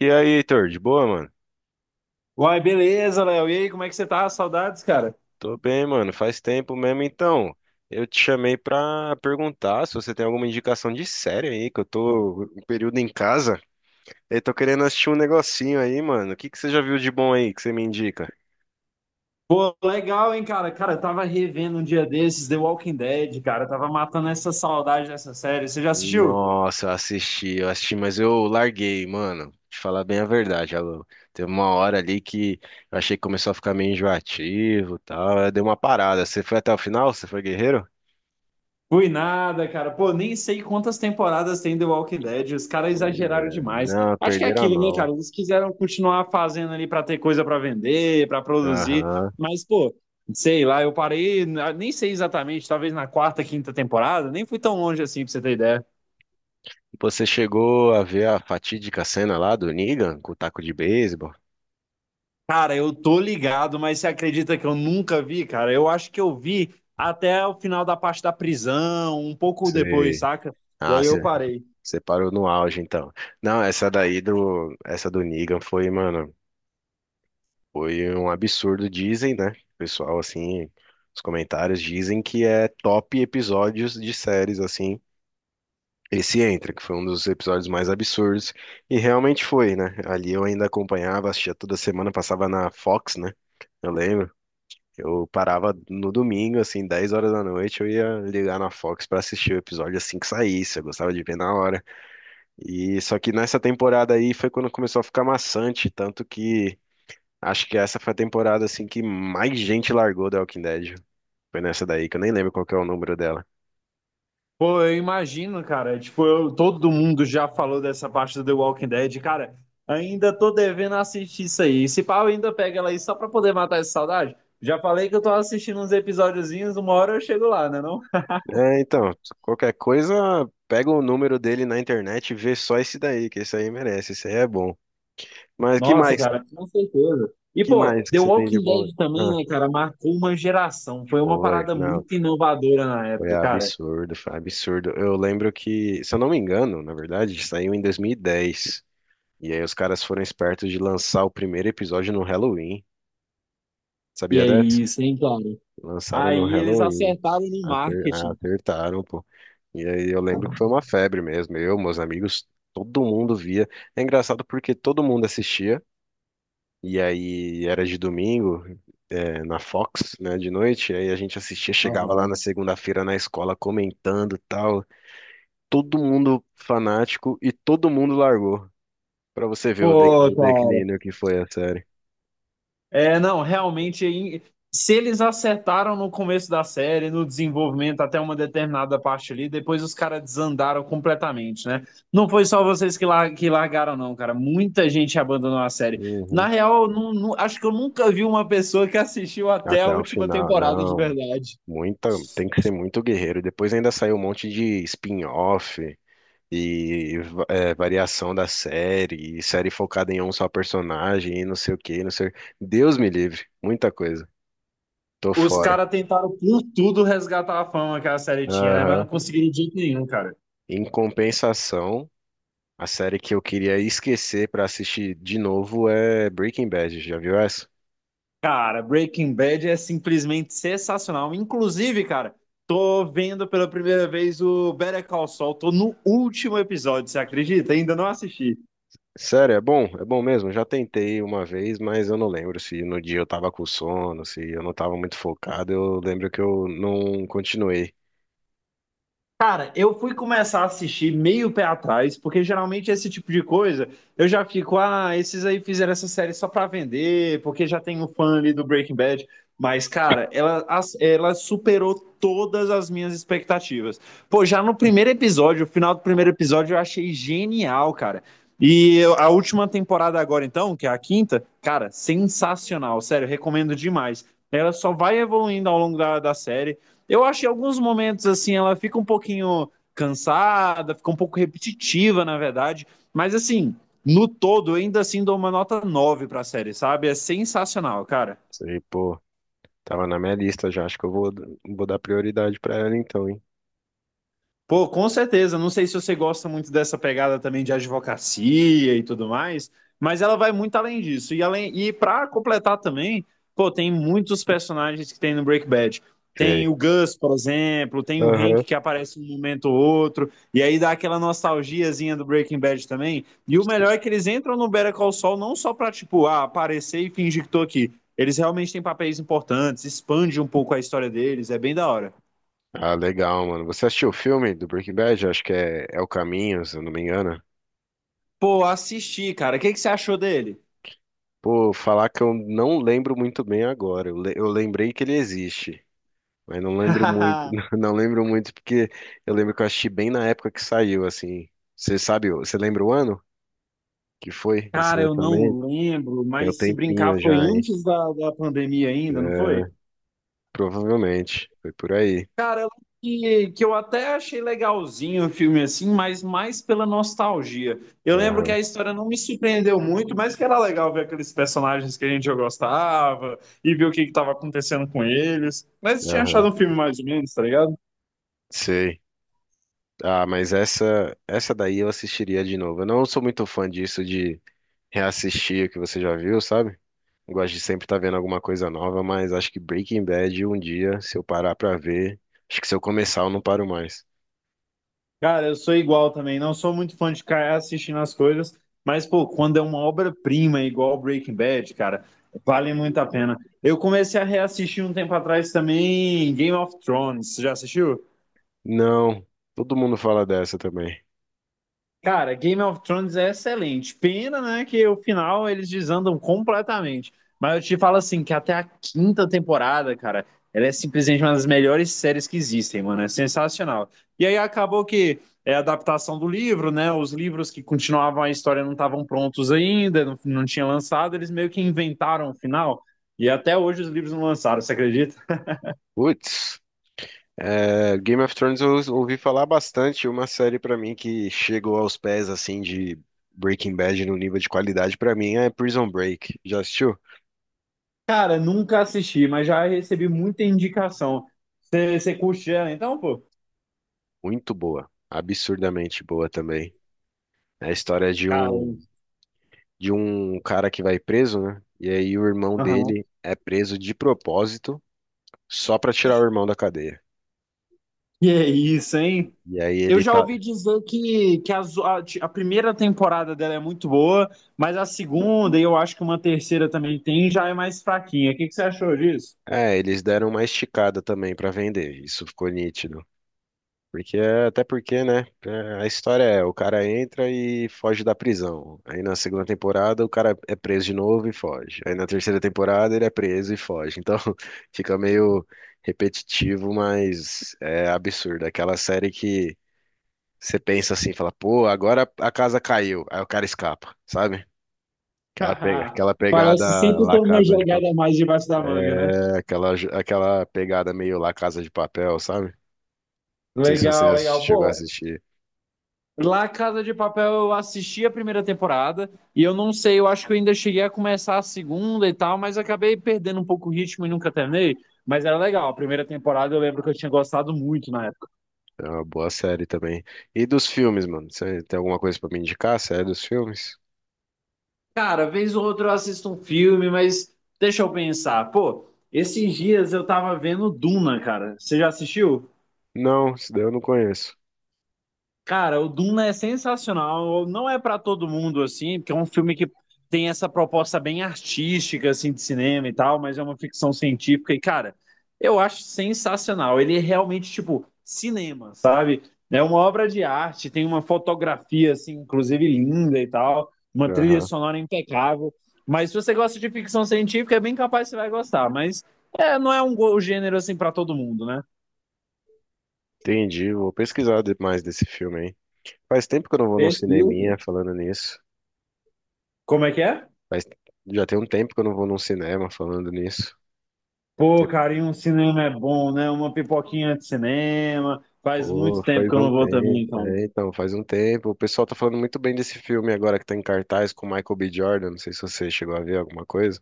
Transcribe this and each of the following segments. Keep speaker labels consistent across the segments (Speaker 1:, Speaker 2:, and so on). Speaker 1: E aí, Heitor, de boa, mano?
Speaker 2: Uai, beleza, Léo. E aí, como é que você tá? Saudades, cara?
Speaker 1: Tô bem, mano. Faz tempo mesmo, então. Eu te chamei pra perguntar se você tem alguma indicação de série aí, que eu tô um período em casa e tô querendo assistir um negocinho aí, mano. O que que você já viu de bom aí que você me indica?
Speaker 2: Pô, legal, hein, cara? Cara, eu tava revendo um dia desses The Walking Dead, cara. Eu tava matando essa saudade dessa série. Você já assistiu?
Speaker 1: Nossa, eu assisti, mas eu larguei, mano. Te falar bem a verdade, alô. Teve uma hora ali que eu achei que começou a ficar meio enjoativo e tal. Aí deu uma parada. Você foi até o final? Você foi guerreiro?
Speaker 2: Fui nada, cara. Pô, nem sei quantas temporadas tem The Walking Dead. Os caras
Speaker 1: Pois
Speaker 2: exageraram
Speaker 1: é.
Speaker 2: demais.
Speaker 1: Não,
Speaker 2: Acho que é
Speaker 1: perderam a
Speaker 2: aquilo, né, cara?
Speaker 1: mão.
Speaker 2: Eles quiseram continuar fazendo ali pra ter coisa pra vender, pra produzir.
Speaker 1: Aham.
Speaker 2: Mas, pô, sei lá, eu parei, nem sei exatamente, talvez na quarta, quinta temporada. Nem fui tão longe assim, pra você ter ideia.
Speaker 1: Você chegou a ver a fatídica cena lá do Negan com o taco de beisebol?
Speaker 2: Cara, eu tô ligado, mas você acredita que eu nunca vi, cara? Eu acho que eu vi até o final da parte da prisão, um pouco depois,
Speaker 1: Você...
Speaker 2: saca? E
Speaker 1: Ah,
Speaker 2: aí eu
Speaker 1: você,
Speaker 2: parei.
Speaker 1: você parou no auge, então. Não, essa daí do... Essa do Negan foi, mano, foi um absurdo, dizem, né? O pessoal, assim, os comentários dizem que é top episódios de séries, assim. Esse entra, que foi um dos episódios mais absurdos. E realmente foi, né? Ali eu ainda acompanhava, assistia toda semana, passava na Fox, né? Eu lembro. Eu parava no domingo, assim, 10 horas da noite, eu ia ligar na Fox pra assistir o episódio assim que saísse, eu gostava de ver na hora. E só que nessa temporada aí foi quando começou a ficar maçante, tanto que acho que essa foi a temporada assim que mais gente largou The Walking Dead. Foi nessa daí, que eu nem lembro qual que é o número dela.
Speaker 2: Pô, eu imagino, cara. Tipo, todo mundo já falou dessa parte do The Walking Dead. Cara, ainda tô devendo assistir isso aí. Se pau ainda pega ela aí só pra poder matar essa saudade. Já falei que eu tô assistindo uns episódiozinhos, uma hora eu chego lá, né? Não?
Speaker 1: É, então, qualquer coisa, pega o número dele na internet e vê só esse daí, que esse aí merece, esse aí é bom. Mas que
Speaker 2: Nossa,
Speaker 1: mais?
Speaker 2: cara, com certeza. E,
Speaker 1: Que
Speaker 2: pô,
Speaker 1: mais
Speaker 2: The
Speaker 1: que você tem de
Speaker 2: Walking
Speaker 1: bom?
Speaker 2: Dead também,
Speaker 1: Ah,
Speaker 2: né, cara, marcou uma geração. Foi uma
Speaker 1: foi,
Speaker 2: parada
Speaker 1: não.
Speaker 2: muito inovadora na
Speaker 1: Foi
Speaker 2: época, cara.
Speaker 1: absurdo, foi absurdo. Eu lembro que, se eu não me engano, na verdade, saiu em 2010. E dez. E aí os caras foram espertos de lançar o primeiro episódio no Halloween.
Speaker 2: E
Speaker 1: Sabia
Speaker 2: é
Speaker 1: dessa?
Speaker 2: isso, hein, cara?
Speaker 1: Lançaram no
Speaker 2: Aí eles
Speaker 1: Halloween.
Speaker 2: acertaram no marketing.
Speaker 1: Acertaram, pô. E aí eu lembro que foi uma febre mesmo. Eu, meus amigos, todo mundo via. É engraçado porque todo mundo assistia. E aí era de domingo, é, na Fox, né, de noite. E aí a gente assistia, chegava lá
Speaker 2: Aham.
Speaker 1: na segunda-feira na escola comentando tal. Todo mundo fanático e todo mundo largou. Pra você ver
Speaker 2: Pô,
Speaker 1: o
Speaker 2: cara.
Speaker 1: declínio que foi a série.
Speaker 2: É, não, realmente, se eles acertaram no começo da série, no desenvolvimento até uma determinada parte ali, depois os caras desandaram completamente, né? Não foi só vocês que, que largaram, não, cara. Muita gente abandonou a série. Na
Speaker 1: Uhum.
Speaker 2: real, eu não- não- acho que eu nunca vi uma pessoa que assistiu até a
Speaker 1: Até o
Speaker 2: última
Speaker 1: final,
Speaker 2: temporada de
Speaker 1: não.
Speaker 2: verdade.
Speaker 1: Muita, Tem que ser muito guerreiro. Depois ainda saiu um monte de spin-off e variação da série, e série focada em um só personagem, e não sei o que não sei. Deus me livre, muita coisa. Tô
Speaker 2: Os
Speaker 1: fora.
Speaker 2: caras tentaram por tudo resgatar a fama que a série tinha, né? Mas não
Speaker 1: Aham.
Speaker 2: conseguiram de jeito nenhum, cara.
Speaker 1: Em compensação, a série que eu queria esquecer pra assistir de novo é Breaking Bad. Já viu essa?
Speaker 2: Cara, Breaking Bad é simplesmente sensacional. Inclusive, cara, tô vendo pela primeira vez o Better Call Saul. Tô no último episódio, você acredita? Ainda não assisti.
Speaker 1: Sério, é bom mesmo. Já tentei uma vez, mas eu não lembro se no dia eu tava com sono, se eu não tava muito focado. Eu lembro que eu não continuei.
Speaker 2: Cara, eu fui começar a assistir meio pé atrás, porque geralmente esse tipo de coisa eu já fico, ah, esses aí fizeram essa série só pra vender, porque já tem um fã ali do Breaking Bad. Mas, cara, ela, ela superou todas as minhas expectativas. Pô, já no primeiro episódio, o final do primeiro episódio, eu achei genial, cara. E a última temporada agora, então, que é a quinta, cara, sensacional, sério, recomendo demais. Ela só vai evoluindo ao longo da série. Eu acho que em alguns momentos, assim, ela fica um pouquinho cansada, fica um pouco repetitiva, na verdade. Mas, assim, no todo, eu ainda assim dou uma nota 9 pra série, sabe? É sensacional, cara.
Speaker 1: Sei, pô, tava na minha lista já. Acho que eu vou dar prioridade pra ela então, hein?
Speaker 2: Pô, com certeza. Não sei se você gosta muito dessa pegada também de advocacia e tudo mais, mas ela vai muito além disso. E além e para completar também, pô, tem muitos personagens que tem no Breaking Bad. Tem
Speaker 1: Sei.
Speaker 2: o Gus, por exemplo, tem o Hank
Speaker 1: Aham.
Speaker 2: que aparece um momento ou outro, e aí dá aquela nostalgiazinha do Breaking Bad também. E o melhor é que eles entram no Better Call Saul não só pra, tipo, ah, aparecer e fingir que tô aqui. Eles realmente têm papéis importantes, expande um pouco a história deles, é bem da hora.
Speaker 1: Ah, legal, mano. Você assistiu o filme do Breaking Bad? Acho que é O Caminho, se eu não me engano.
Speaker 2: Pô, assisti, cara. O que que você achou dele?
Speaker 1: Pô, falar que eu não lembro muito bem agora. Eu lembrei que ele existe. Mas não lembro muito, não lembro muito porque eu lembro que eu assisti bem na época que saiu, assim. Você sabe, você lembra o ano que foi esse
Speaker 2: Cara, eu não
Speaker 1: lançamento?
Speaker 2: lembro,
Speaker 1: Tem um
Speaker 2: mas se brincar
Speaker 1: tempinho
Speaker 2: foi
Speaker 1: já, hein?
Speaker 2: antes da pandemia ainda, não foi?
Speaker 1: Provavelmente, foi por aí.
Speaker 2: Cara, eu lembro que eu até achei legalzinho o filme assim, mas mais pela nostalgia. Eu lembro que
Speaker 1: Aham,
Speaker 2: a história não me surpreendeu muito, mas que era legal ver aqueles personagens que a gente já gostava e ver o que estava acontecendo com eles. Mas eu tinha
Speaker 1: aham,
Speaker 2: achado um filme mais ou menos, tá ligado?
Speaker 1: sei. Ah, mas essa daí eu assistiria de novo. Eu não sou muito fã disso de reassistir o que você já viu, sabe? Eu gosto de sempre estar vendo alguma coisa nova, mas acho que Breaking Bad um dia, se eu parar pra ver, acho que se eu começar eu não paro mais.
Speaker 2: Cara, eu sou igual também. Não sou muito fã de ficar assistindo as coisas, mas, pô, quando é uma obra-prima igual Breaking Bad, cara, vale muito a pena. Eu comecei a reassistir um tempo atrás também Game of Thrones. Você já assistiu?
Speaker 1: Não, todo mundo fala dessa também.
Speaker 2: Cara, Game of Thrones é excelente. Pena, né, que o final eles desandam completamente. Mas eu te falo assim, que até a quinta temporada, cara, ela é simplesmente uma das melhores séries que existem, mano. É sensacional. E aí acabou que é a adaptação do livro, né? Os livros que continuavam a história não estavam prontos ainda, não, não tinha lançado, eles meio que inventaram o final. E até hoje os livros não lançaram, você acredita?
Speaker 1: Putz, é, Game of Thrones eu ouvi falar bastante, uma série pra mim que chegou aos pés assim de Breaking Bad no nível de qualidade pra mim é Prison Break. Já assistiu?
Speaker 2: Cara, nunca assisti, mas já recebi muita indicação. Você curte ela então, pô?
Speaker 1: Muito boa, absurdamente boa também. É a história de
Speaker 2: Cara,
Speaker 1: um de um cara que vai preso, né? E aí o irmão
Speaker 2: aham.
Speaker 1: dele é preso de propósito só pra tirar o irmão da cadeia.
Speaker 2: E é isso, hein?
Speaker 1: E aí
Speaker 2: Eu
Speaker 1: ele
Speaker 2: já
Speaker 1: tá,
Speaker 2: ouvi dizer que a primeira temporada dela é muito boa, mas a segunda, e eu acho que uma terceira também tem, já é mais fraquinha. O que, que você achou disso?
Speaker 1: eles deram uma esticada também pra vender. Isso ficou nítido. Porque, até porque, né? A história é, o cara entra e foge da prisão. Aí na segunda temporada o cara é preso de novo e foge. Aí na terceira temporada ele é preso e foge. Então fica meio repetitivo, mas é absurdo. Aquela série que você pensa assim, fala, pô, agora a casa caiu. Aí o cara escapa, sabe? Aquela pegada
Speaker 2: Parece sempre ter
Speaker 1: lá
Speaker 2: uma
Speaker 1: Casa de
Speaker 2: jogada
Speaker 1: Papel,
Speaker 2: a mais debaixo da manga, né?
Speaker 1: é, aquela pegada meio lá Casa de Papel, sabe? Não sei se você
Speaker 2: Legal, legal.
Speaker 1: chegou a
Speaker 2: Pô,
Speaker 1: assistir.
Speaker 2: lá Casa de Papel eu assisti a primeira temporada e eu não sei, eu acho que eu ainda cheguei a começar a segunda e tal, mas acabei perdendo um pouco o ritmo e nunca terminei. Mas era legal, a primeira temporada eu lembro que eu tinha gostado muito na.
Speaker 1: É uma boa série também. E dos filmes, mano? Você tem alguma coisa pra me indicar? Série dos filmes?
Speaker 2: Cara, vez ou outra eu assisto um filme, mas deixa eu pensar. Pô, esses dias eu tava vendo Duna, cara. Você já assistiu?
Speaker 1: Não, isso daí eu não conheço.
Speaker 2: Cara, o Duna é sensacional. Não é pra todo mundo assim, porque é um filme que tem essa proposta bem artística assim de cinema e tal, mas é uma ficção científica e cara, eu acho sensacional. Ele é realmente tipo cinema, sabe? É uma obra de arte, tem uma fotografia assim, inclusive linda e tal, uma trilha
Speaker 1: Aham.
Speaker 2: sonora impecável. Mas se você gosta de ficção científica, é bem capaz que você vai gostar, mas é, não é um gênero assim pra todo mundo, né?
Speaker 1: Entendi. Vou pesquisar mais desse filme aí. Faz tempo que eu não vou num cineminha
Speaker 2: Perfeito.
Speaker 1: falando nisso.
Speaker 2: Como é que é?
Speaker 1: Faz... Já tem um tempo que eu não vou num cinema falando nisso.
Speaker 2: Pô,
Speaker 1: Tipo,
Speaker 2: carinho, um cinema é bom, né? Uma pipoquinha de cinema. Faz
Speaker 1: pô,
Speaker 2: muito tempo
Speaker 1: faz
Speaker 2: que eu
Speaker 1: um
Speaker 2: não vou
Speaker 1: tempo.
Speaker 2: também, cara.
Speaker 1: É, então, faz um tempo. O pessoal tá falando muito bem desse filme agora que tá em cartaz com o Michael B. Jordan. Não sei se você chegou a ver alguma coisa.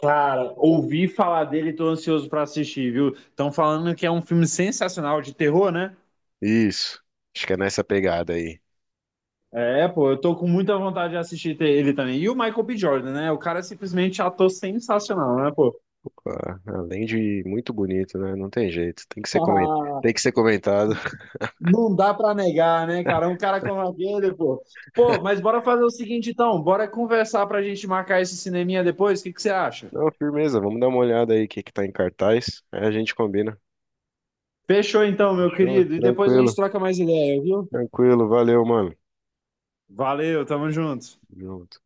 Speaker 2: Cara, ouvi falar dele e tô ansioso pra assistir, viu? Estão falando que é um filme sensacional de terror, né?
Speaker 1: Isso. Acho que é nessa pegada aí.
Speaker 2: É, pô, eu tô com muita vontade de assistir ele também. E o Michael B. Jordan, né? O cara é simplesmente ator sensacional, né, pô?
Speaker 1: Pá, além de muito bonito, né? Não tem jeito. Tem que ser comentado.
Speaker 2: Ah,
Speaker 1: Tem que ser comentado.
Speaker 2: não dá pra negar, né, cara? Um cara como aquele, pô. Pô, mas bora fazer o seguinte então, bora conversar pra gente marcar esse cineminha depois, o que que você acha?
Speaker 1: Não, firmeza. Vamos dar uma olhada aí o que que tá em cartaz. Aí a gente combina.
Speaker 2: Fechou então, meu
Speaker 1: Fechou?
Speaker 2: querido. E depois a gente
Speaker 1: Tranquilo.
Speaker 2: troca mais ideia, viu?
Speaker 1: Tranquilo. Valeu, mano.
Speaker 2: Valeu, tamo junto.
Speaker 1: Junto.